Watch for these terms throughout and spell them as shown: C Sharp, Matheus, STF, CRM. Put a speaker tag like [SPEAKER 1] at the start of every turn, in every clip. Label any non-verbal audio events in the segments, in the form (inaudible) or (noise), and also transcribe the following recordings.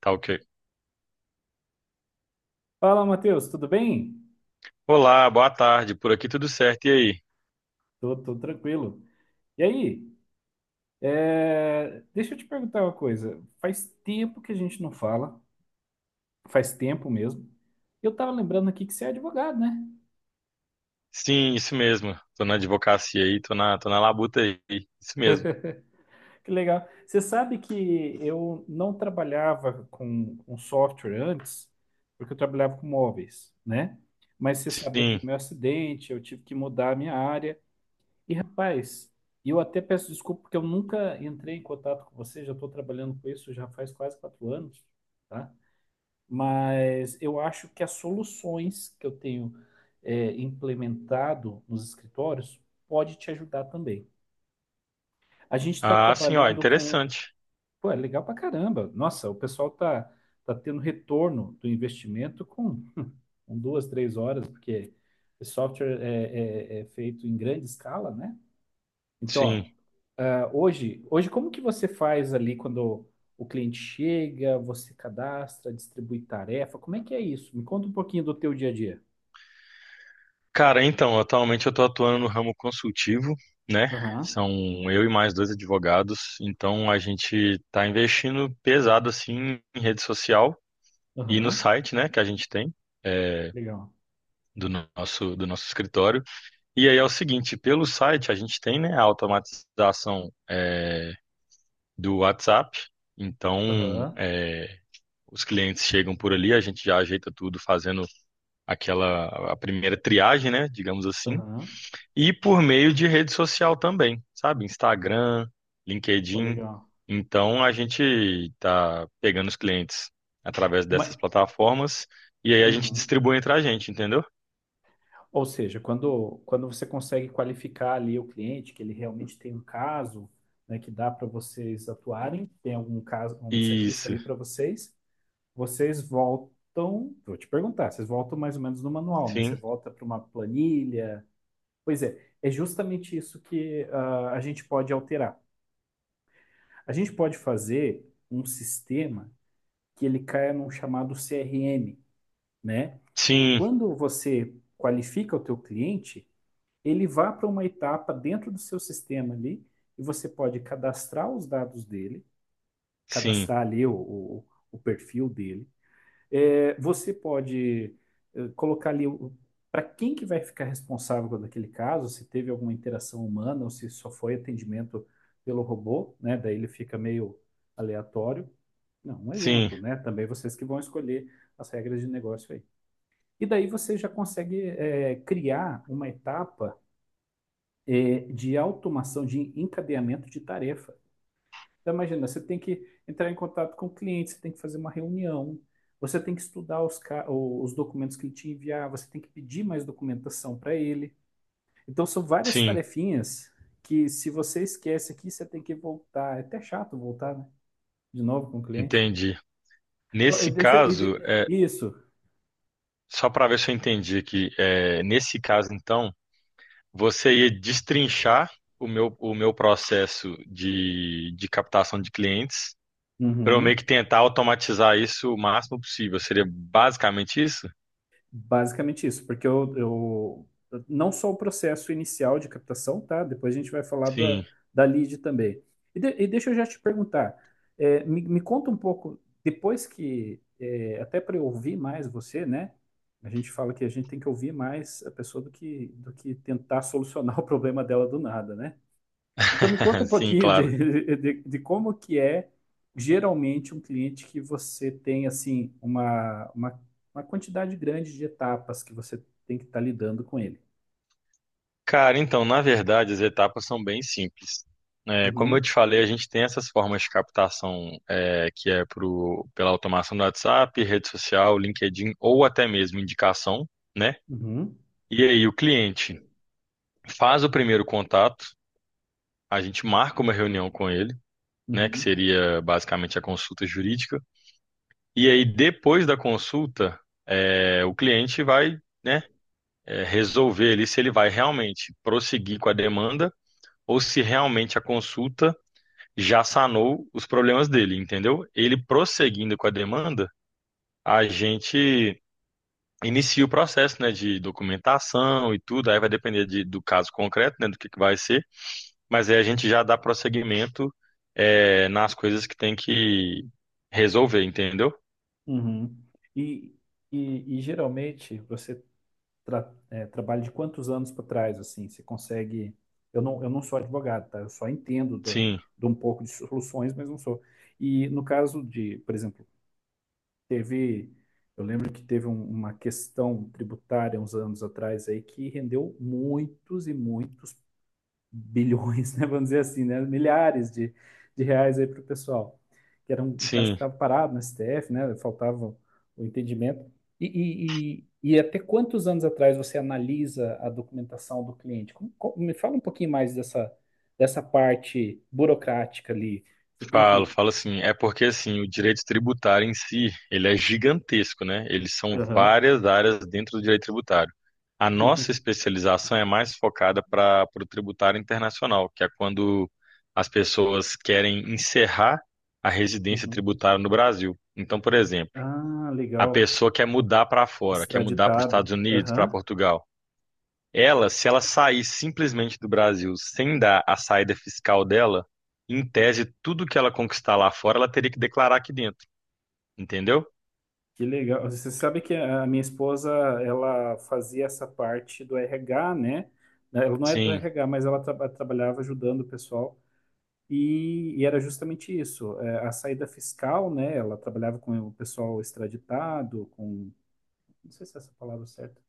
[SPEAKER 1] Tá, ok.
[SPEAKER 2] Fala, Matheus, tudo bem?
[SPEAKER 1] Olá, boa tarde. Por aqui tudo certo. E aí?
[SPEAKER 2] Tô tranquilo. E aí, deixa eu te perguntar uma coisa. Faz tempo que a gente não fala, faz tempo mesmo. Eu tava lembrando aqui que você é advogado, né?
[SPEAKER 1] Sim, isso mesmo. Tô na advocacia aí, tô na labuta aí. Isso mesmo.
[SPEAKER 2] Que legal. Você sabe que eu não trabalhava com software antes, porque eu trabalhava com móveis, né? Mas você sabe daquele
[SPEAKER 1] Sim.
[SPEAKER 2] meu acidente, eu tive que mudar a minha área. E rapaz, eu até peço desculpa porque eu nunca entrei em contato com você, já estou trabalhando com isso já faz quase 4 anos, tá? Mas eu acho que as soluções que eu tenho implementado nos escritórios pode te ajudar também. A gente está
[SPEAKER 1] Ah, sim, ó,
[SPEAKER 2] trabalhando com,
[SPEAKER 1] interessante.
[SPEAKER 2] pô, é legal pra caramba. Nossa, o pessoal tá tendo retorno do investimento com, (laughs) com duas, três horas, porque esse software é feito em grande escala, né?
[SPEAKER 1] Sim.
[SPEAKER 2] Então, ó, hoje como que você faz ali quando o cliente chega, você cadastra, distribui tarefa? Como é que é isso? Me conta um pouquinho do teu dia a dia.
[SPEAKER 1] Cara, então, atualmente eu tô atuando no ramo consultivo, né?
[SPEAKER 2] Aham,
[SPEAKER 1] São eu e mais dois advogados. Então a gente tá investindo pesado assim em rede social e no
[SPEAKER 2] aham,
[SPEAKER 1] site, né, que a gente tem. é,
[SPEAKER 2] legal.
[SPEAKER 1] do nosso escritório. E aí é o seguinte, pelo site a gente tem, né, a automatização do WhatsApp. Então,
[SPEAKER 2] Aham,
[SPEAKER 1] os clientes chegam por ali, a gente já ajeita tudo fazendo aquela a primeira triagem, né, digamos assim,
[SPEAKER 2] aham,
[SPEAKER 1] e por meio de rede social também, sabe? Instagram,
[SPEAKER 2] ó,
[SPEAKER 1] LinkedIn.
[SPEAKER 2] legal.
[SPEAKER 1] Então, a gente está pegando os clientes através dessas
[SPEAKER 2] Ma-
[SPEAKER 1] plataformas e aí a gente
[SPEAKER 2] uhum.
[SPEAKER 1] distribui entre a gente, entendeu?
[SPEAKER 2] Ou seja, quando você consegue qualificar ali o cliente, que ele realmente tem um caso, né, que dá para vocês atuarem, tem algum caso, um serviço
[SPEAKER 1] Isso.
[SPEAKER 2] ali para vocês, vocês voltam, vou te perguntar, vocês voltam mais ou menos no manual, né? Você
[SPEAKER 1] Sim.
[SPEAKER 2] volta para uma planilha. Pois é, é justamente isso que a gente pode alterar. A gente pode fazer um sistema que ele caia num chamado CRM, né? Que
[SPEAKER 1] Sim,
[SPEAKER 2] quando você qualifica o teu cliente, ele vá para uma etapa dentro do seu sistema ali e você pode cadastrar os dados dele,
[SPEAKER 1] sim,
[SPEAKER 2] cadastrar ali o o perfil dele. É, você pode colocar ali para quem que vai ficar responsável por aquele caso, se teve alguma interação humana ou se só foi atendimento pelo robô, né? Daí ele fica meio aleatório. Não, um
[SPEAKER 1] sim,
[SPEAKER 2] exemplo, né? Também vocês que vão escolher as regras de negócio aí. E daí você já consegue criar uma etapa de automação, de encadeamento de tarefa. Então, imagina, você tem que entrar em contato com o cliente, você tem que fazer uma reunião, você tem que estudar os documentos que ele te enviar, você tem que pedir mais documentação para ele. Então, são várias
[SPEAKER 1] sim.
[SPEAKER 2] tarefinhas que, se você esquece aqui, você tem que voltar. É até chato voltar, né? De novo com o cliente.
[SPEAKER 1] Entendi.
[SPEAKER 2] Ó, eu-
[SPEAKER 1] Nesse
[SPEAKER 2] Deixa eu- e
[SPEAKER 1] caso,
[SPEAKER 2] de-
[SPEAKER 1] é,
[SPEAKER 2] Isso.
[SPEAKER 1] Só para ver se eu entendi aqui, nesse caso, então, você ia destrinchar o meu processo de captação de clientes para eu meio que
[SPEAKER 2] Uhum.
[SPEAKER 1] tentar automatizar isso o máximo possível. Seria basicamente isso?
[SPEAKER 2] Basicamente isso, porque eu não só o processo inicial de captação, tá? Depois a gente vai falar da,
[SPEAKER 1] Sim,
[SPEAKER 2] da lead também. E deixa eu já te perguntar, me conta um pouco, depois que, até para eu ouvir mais você, né? A gente fala que a gente tem que ouvir mais a pessoa do que tentar solucionar (laughs) o problema dela do nada, né? Então me conta
[SPEAKER 1] (laughs)
[SPEAKER 2] um
[SPEAKER 1] sim,
[SPEAKER 2] pouquinho
[SPEAKER 1] claro.
[SPEAKER 2] de como que é geralmente um cliente que você tem assim uma quantidade grande de etapas que você tem que estar lidando com ele.
[SPEAKER 1] Cara, então, na verdade, as etapas são bem simples. É, como eu te
[SPEAKER 2] Uhum,
[SPEAKER 1] falei, a gente tem essas formas de captação que é pela automação do WhatsApp, rede social, LinkedIn ou até mesmo indicação, né?
[SPEAKER 2] uhum,
[SPEAKER 1] E aí, o cliente faz o primeiro contato, a gente marca uma reunião com ele, né, que
[SPEAKER 2] uhum,
[SPEAKER 1] seria basicamente a consulta jurídica, e aí depois da consulta, o cliente vai, né, resolver ali se ele vai realmente prosseguir com a demanda ou se realmente a consulta já sanou os problemas dele, entendeu? Ele prosseguindo com a demanda, a gente inicia o processo, né, de documentação e tudo, aí vai depender do caso concreto, né, do que vai ser. Mas aí a gente já dá prosseguimento, nas coisas que tem que resolver, entendeu?
[SPEAKER 2] uhum. E, e geralmente você trabalha de quantos anos para trás assim? Você consegue? Eu não sou advogado, tá? Eu só entendo
[SPEAKER 1] Sim,
[SPEAKER 2] de um pouco de soluções, mas não sou. E no caso de, por exemplo. Teve, eu lembro que teve uma questão tributária uns anos atrás aí que rendeu muitos e muitos bilhões, (laughs) né? Vamos dizer assim, né? Milhares de reais aí para o pessoal, que era um, um caso que
[SPEAKER 1] sim.
[SPEAKER 2] estava parado no STF, né? Faltava o entendimento. E, e, e até quantos anos atrás você analisa a documentação do cliente? Me fala um pouquinho mais dessa, dessa parte burocrática ali. Você tem
[SPEAKER 1] Falo,
[SPEAKER 2] que.
[SPEAKER 1] falo assim. É porque assim, o direito tributário em si, ele é gigantesco, né? Eles são
[SPEAKER 2] Aham.
[SPEAKER 1] várias áreas dentro do direito tributário. A nossa especialização é mais focada para o tributário internacional, que é quando as pessoas querem encerrar a residência
[SPEAKER 2] Uhum.
[SPEAKER 1] tributária no Brasil. Então, por exemplo,
[SPEAKER 2] Ah,
[SPEAKER 1] a
[SPEAKER 2] legal.
[SPEAKER 1] pessoa quer mudar para fora, quer mudar para os
[SPEAKER 2] Extraditado.
[SPEAKER 1] Estados Unidos, para
[SPEAKER 2] Aham.
[SPEAKER 1] Portugal. Ela, se ela sair simplesmente do Brasil sem dar a saída fiscal dela, em tese, tudo que ela conquistar lá fora, ela teria que declarar aqui dentro, entendeu?
[SPEAKER 2] Que legal. Você sabe que a minha esposa, ela fazia essa parte do RH, né? Ela não é do
[SPEAKER 1] Sim,
[SPEAKER 2] RH, mas ela trabalhava ajudando o pessoal. E era justamente isso, a saída fiscal, né? Ela trabalhava com o pessoal extraditado, com... Não sei se é essa a palavra certa.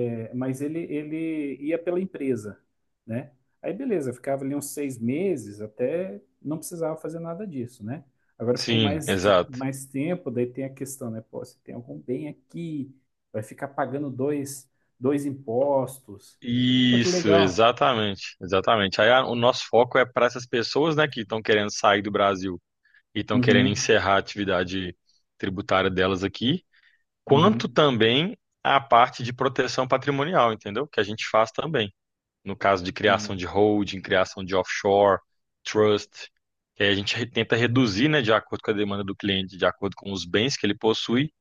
[SPEAKER 2] É, mas ele ia pela empresa, né? Aí beleza, ficava ali uns 6 meses até não precisava fazer nada disso, né? Agora ficou
[SPEAKER 1] sim,
[SPEAKER 2] mais,
[SPEAKER 1] exato.
[SPEAKER 2] mais tempo, daí tem a questão, né? Pô, se tem algum bem aqui, vai ficar pagando dois impostos. Pô, que
[SPEAKER 1] Isso,
[SPEAKER 2] legal.
[SPEAKER 1] exatamente, exatamente. Aí o nosso foco é para essas pessoas, né, que estão querendo sair do Brasil e estão querendo
[SPEAKER 2] Uhum,
[SPEAKER 1] encerrar a atividade tributária delas aqui, quanto
[SPEAKER 2] uhum.
[SPEAKER 1] também a parte de proteção patrimonial, entendeu? Que a gente faz também, no caso de criação
[SPEAKER 2] Sim,
[SPEAKER 1] de holding, criação de offshore, trust, que aí a gente tenta reduzir, né, de acordo com a demanda do cliente, de acordo com os bens que ele possui,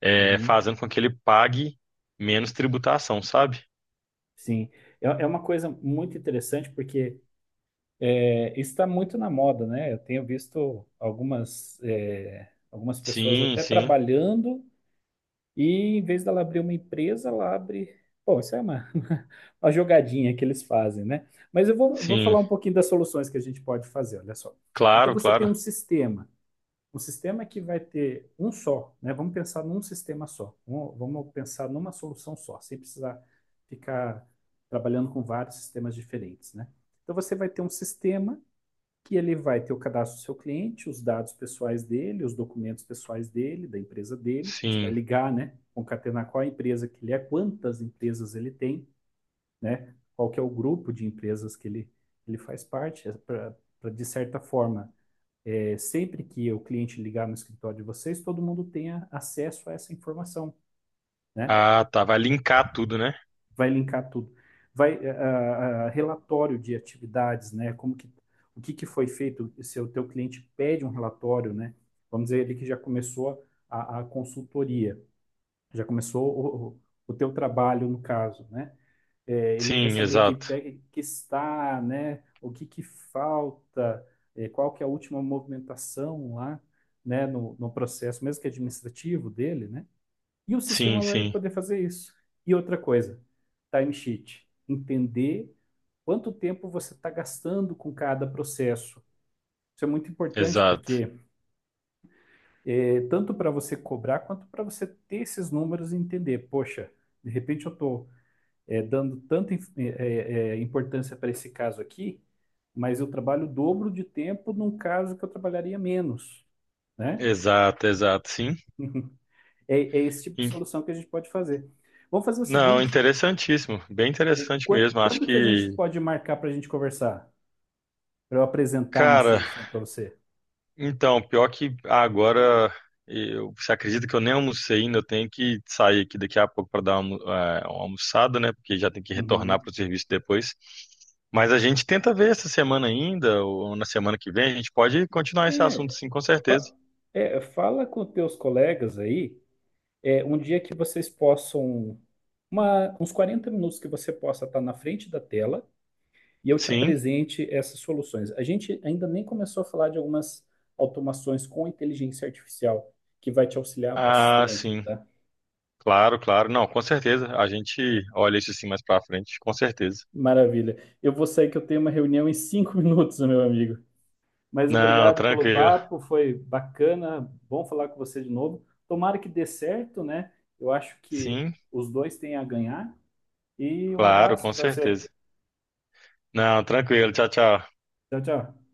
[SPEAKER 2] uhum,
[SPEAKER 1] fazendo com que ele pague menos tributação, sabe?
[SPEAKER 2] sim. É, é uma coisa muito interessante porque é, isso está muito na moda, né? Eu tenho visto algumas, algumas pessoas
[SPEAKER 1] Sim,
[SPEAKER 2] até
[SPEAKER 1] sim,
[SPEAKER 2] trabalhando e em vez dela abrir uma empresa, ela abre. Bom, isso é uma, (laughs) uma jogadinha que eles fazem, né? Mas eu vou falar
[SPEAKER 1] sim,
[SPEAKER 2] um pouquinho das soluções que a gente pode fazer, olha só. Então
[SPEAKER 1] claro,
[SPEAKER 2] você tem
[SPEAKER 1] claro,
[SPEAKER 2] um sistema que vai ter um só, né? Vamos pensar num sistema só, vamos pensar numa solução só, sem precisar ficar trabalhando com vários sistemas diferentes, né? Então você vai ter um sistema que ele vai ter o cadastro do seu cliente, os dados pessoais dele, os documentos pessoais dele, da empresa dele. Você vai
[SPEAKER 1] sim.
[SPEAKER 2] ligar, né? Concatenar qual a empresa que ele é, quantas empresas ele tem, né? Qual que é o grupo de empresas que ele faz parte, para, de certa forma, sempre que o cliente ligar no escritório de vocês, todo mundo tenha acesso a essa informação, né?
[SPEAKER 1] Ah, tá, vai linkar tudo, né?
[SPEAKER 2] Vai linkar tudo. Vai relatório de atividades, né? Como que o que que foi feito? Se o teu cliente pede um relatório, né? Vamos dizer ali que já começou a consultoria, já começou o teu trabalho no caso, né? É, ele quer
[SPEAKER 1] Sim,
[SPEAKER 2] saber que
[SPEAKER 1] exato,
[SPEAKER 2] pega que está, né? O que que falta? Qual que é a última movimentação lá, né? No processo, mesmo que administrativo dele, né? E o
[SPEAKER 1] sim,
[SPEAKER 2] sistema vai
[SPEAKER 1] sim,
[SPEAKER 2] poder fazer isso. E outra coisa, timesheet. Entender quanto tempo você está gastando com cada processo. Isso é muito importante
[SPEAKER 1] exato,
[SPEAKER 2] porque tanto para você cobrar quanto para você ter esses números e entender, poxa, de repente eu estou dando tanta importância para esse caso aqui, mas eu trabalho o dobro de tempo num caso que eu trabalharia menos, né?
[SPEAKER 1] exato, exato, sim.
[SPEAKER 2] É, é esse tipo de
[SPEAKER 1] In-
[SPEAKER 2] solução que a gente pode fazer. Vamos fazer o
[SPEAKER 1] Não,
[SPEAKER 2] seguinte,
[SPEAKER 1] interessantíssimo, bem
[SPEAKER 2] é,
[SPEAKER 1] interessante mesmo.
[SPEAKER 2] quando que a gente pode marcar para a gente conversar? Para eu apresentar uma
[SPEAKER 1] Cara,
[SPEAKER 2] solução para você?
[SPEAKER 1] então, pior que agora eu, você acredita que eu nem almocei ainda, eu tenho que sair aqui daqui a pouco para dar uma, uma almoçada, né? Porque já tem que retornar
[SPEAKER 2] Uhum.
[SPEAKER 1] para o serviço depois. Mas a gente tenta ver essa semana ainda, ou na semana que vem, a gente pode continuar esse assunto,
[SPEAKER 2] É,
[SPEAKER 1] sim, com certeza.
[SPEAKER 2] fa- fala com teus colegas aí, é, um dia que vocês possam, uns 40 minutos que você possa estar na frente da tela e eu te
[SPEAKER 1] Sim,
[SPEAKER 2] apresente essas soluções. A gente ainda nem começou a falar de algumas automações com inteligência artificial, que vai te auxiliar
[SPEAKER 1] ah,
[SPEAKER 2] bastante,
[SPEAKER 1] sim,
[SPEAKER 2] tá?
[SPEAKER 1] claro, claro. Não, com certeza. A gente olha isso assim mais para frente, com certeza.
[SPEAKER 2] Maravilha. Eu vou sair que eu tenho uma reunião em 5 (laughs) minutos, meu amigo. Mas
[SPEAKER 1] Não,
[SPEAKER 2] obrigado pelo
[SPEAKER 1] tranquilo.
[SPEAKER 2] papo, foi bacana, bom falar com você de novo. Tomara que dê certo, né? Eu acho que
[SPEAKER 1] Sim,
[SPEAKER 2] os dois têm a ganhar. E um
[SPEAKER 1] claro,
[SPEAKER 2] abraço
[SPEAKER 1] com
[SPEAKER 2] para você.
[SPEAKER 1] certeza. Não, tranquilo. Tchau, tchau.
[SPEAKER 2] Tchau, tchau.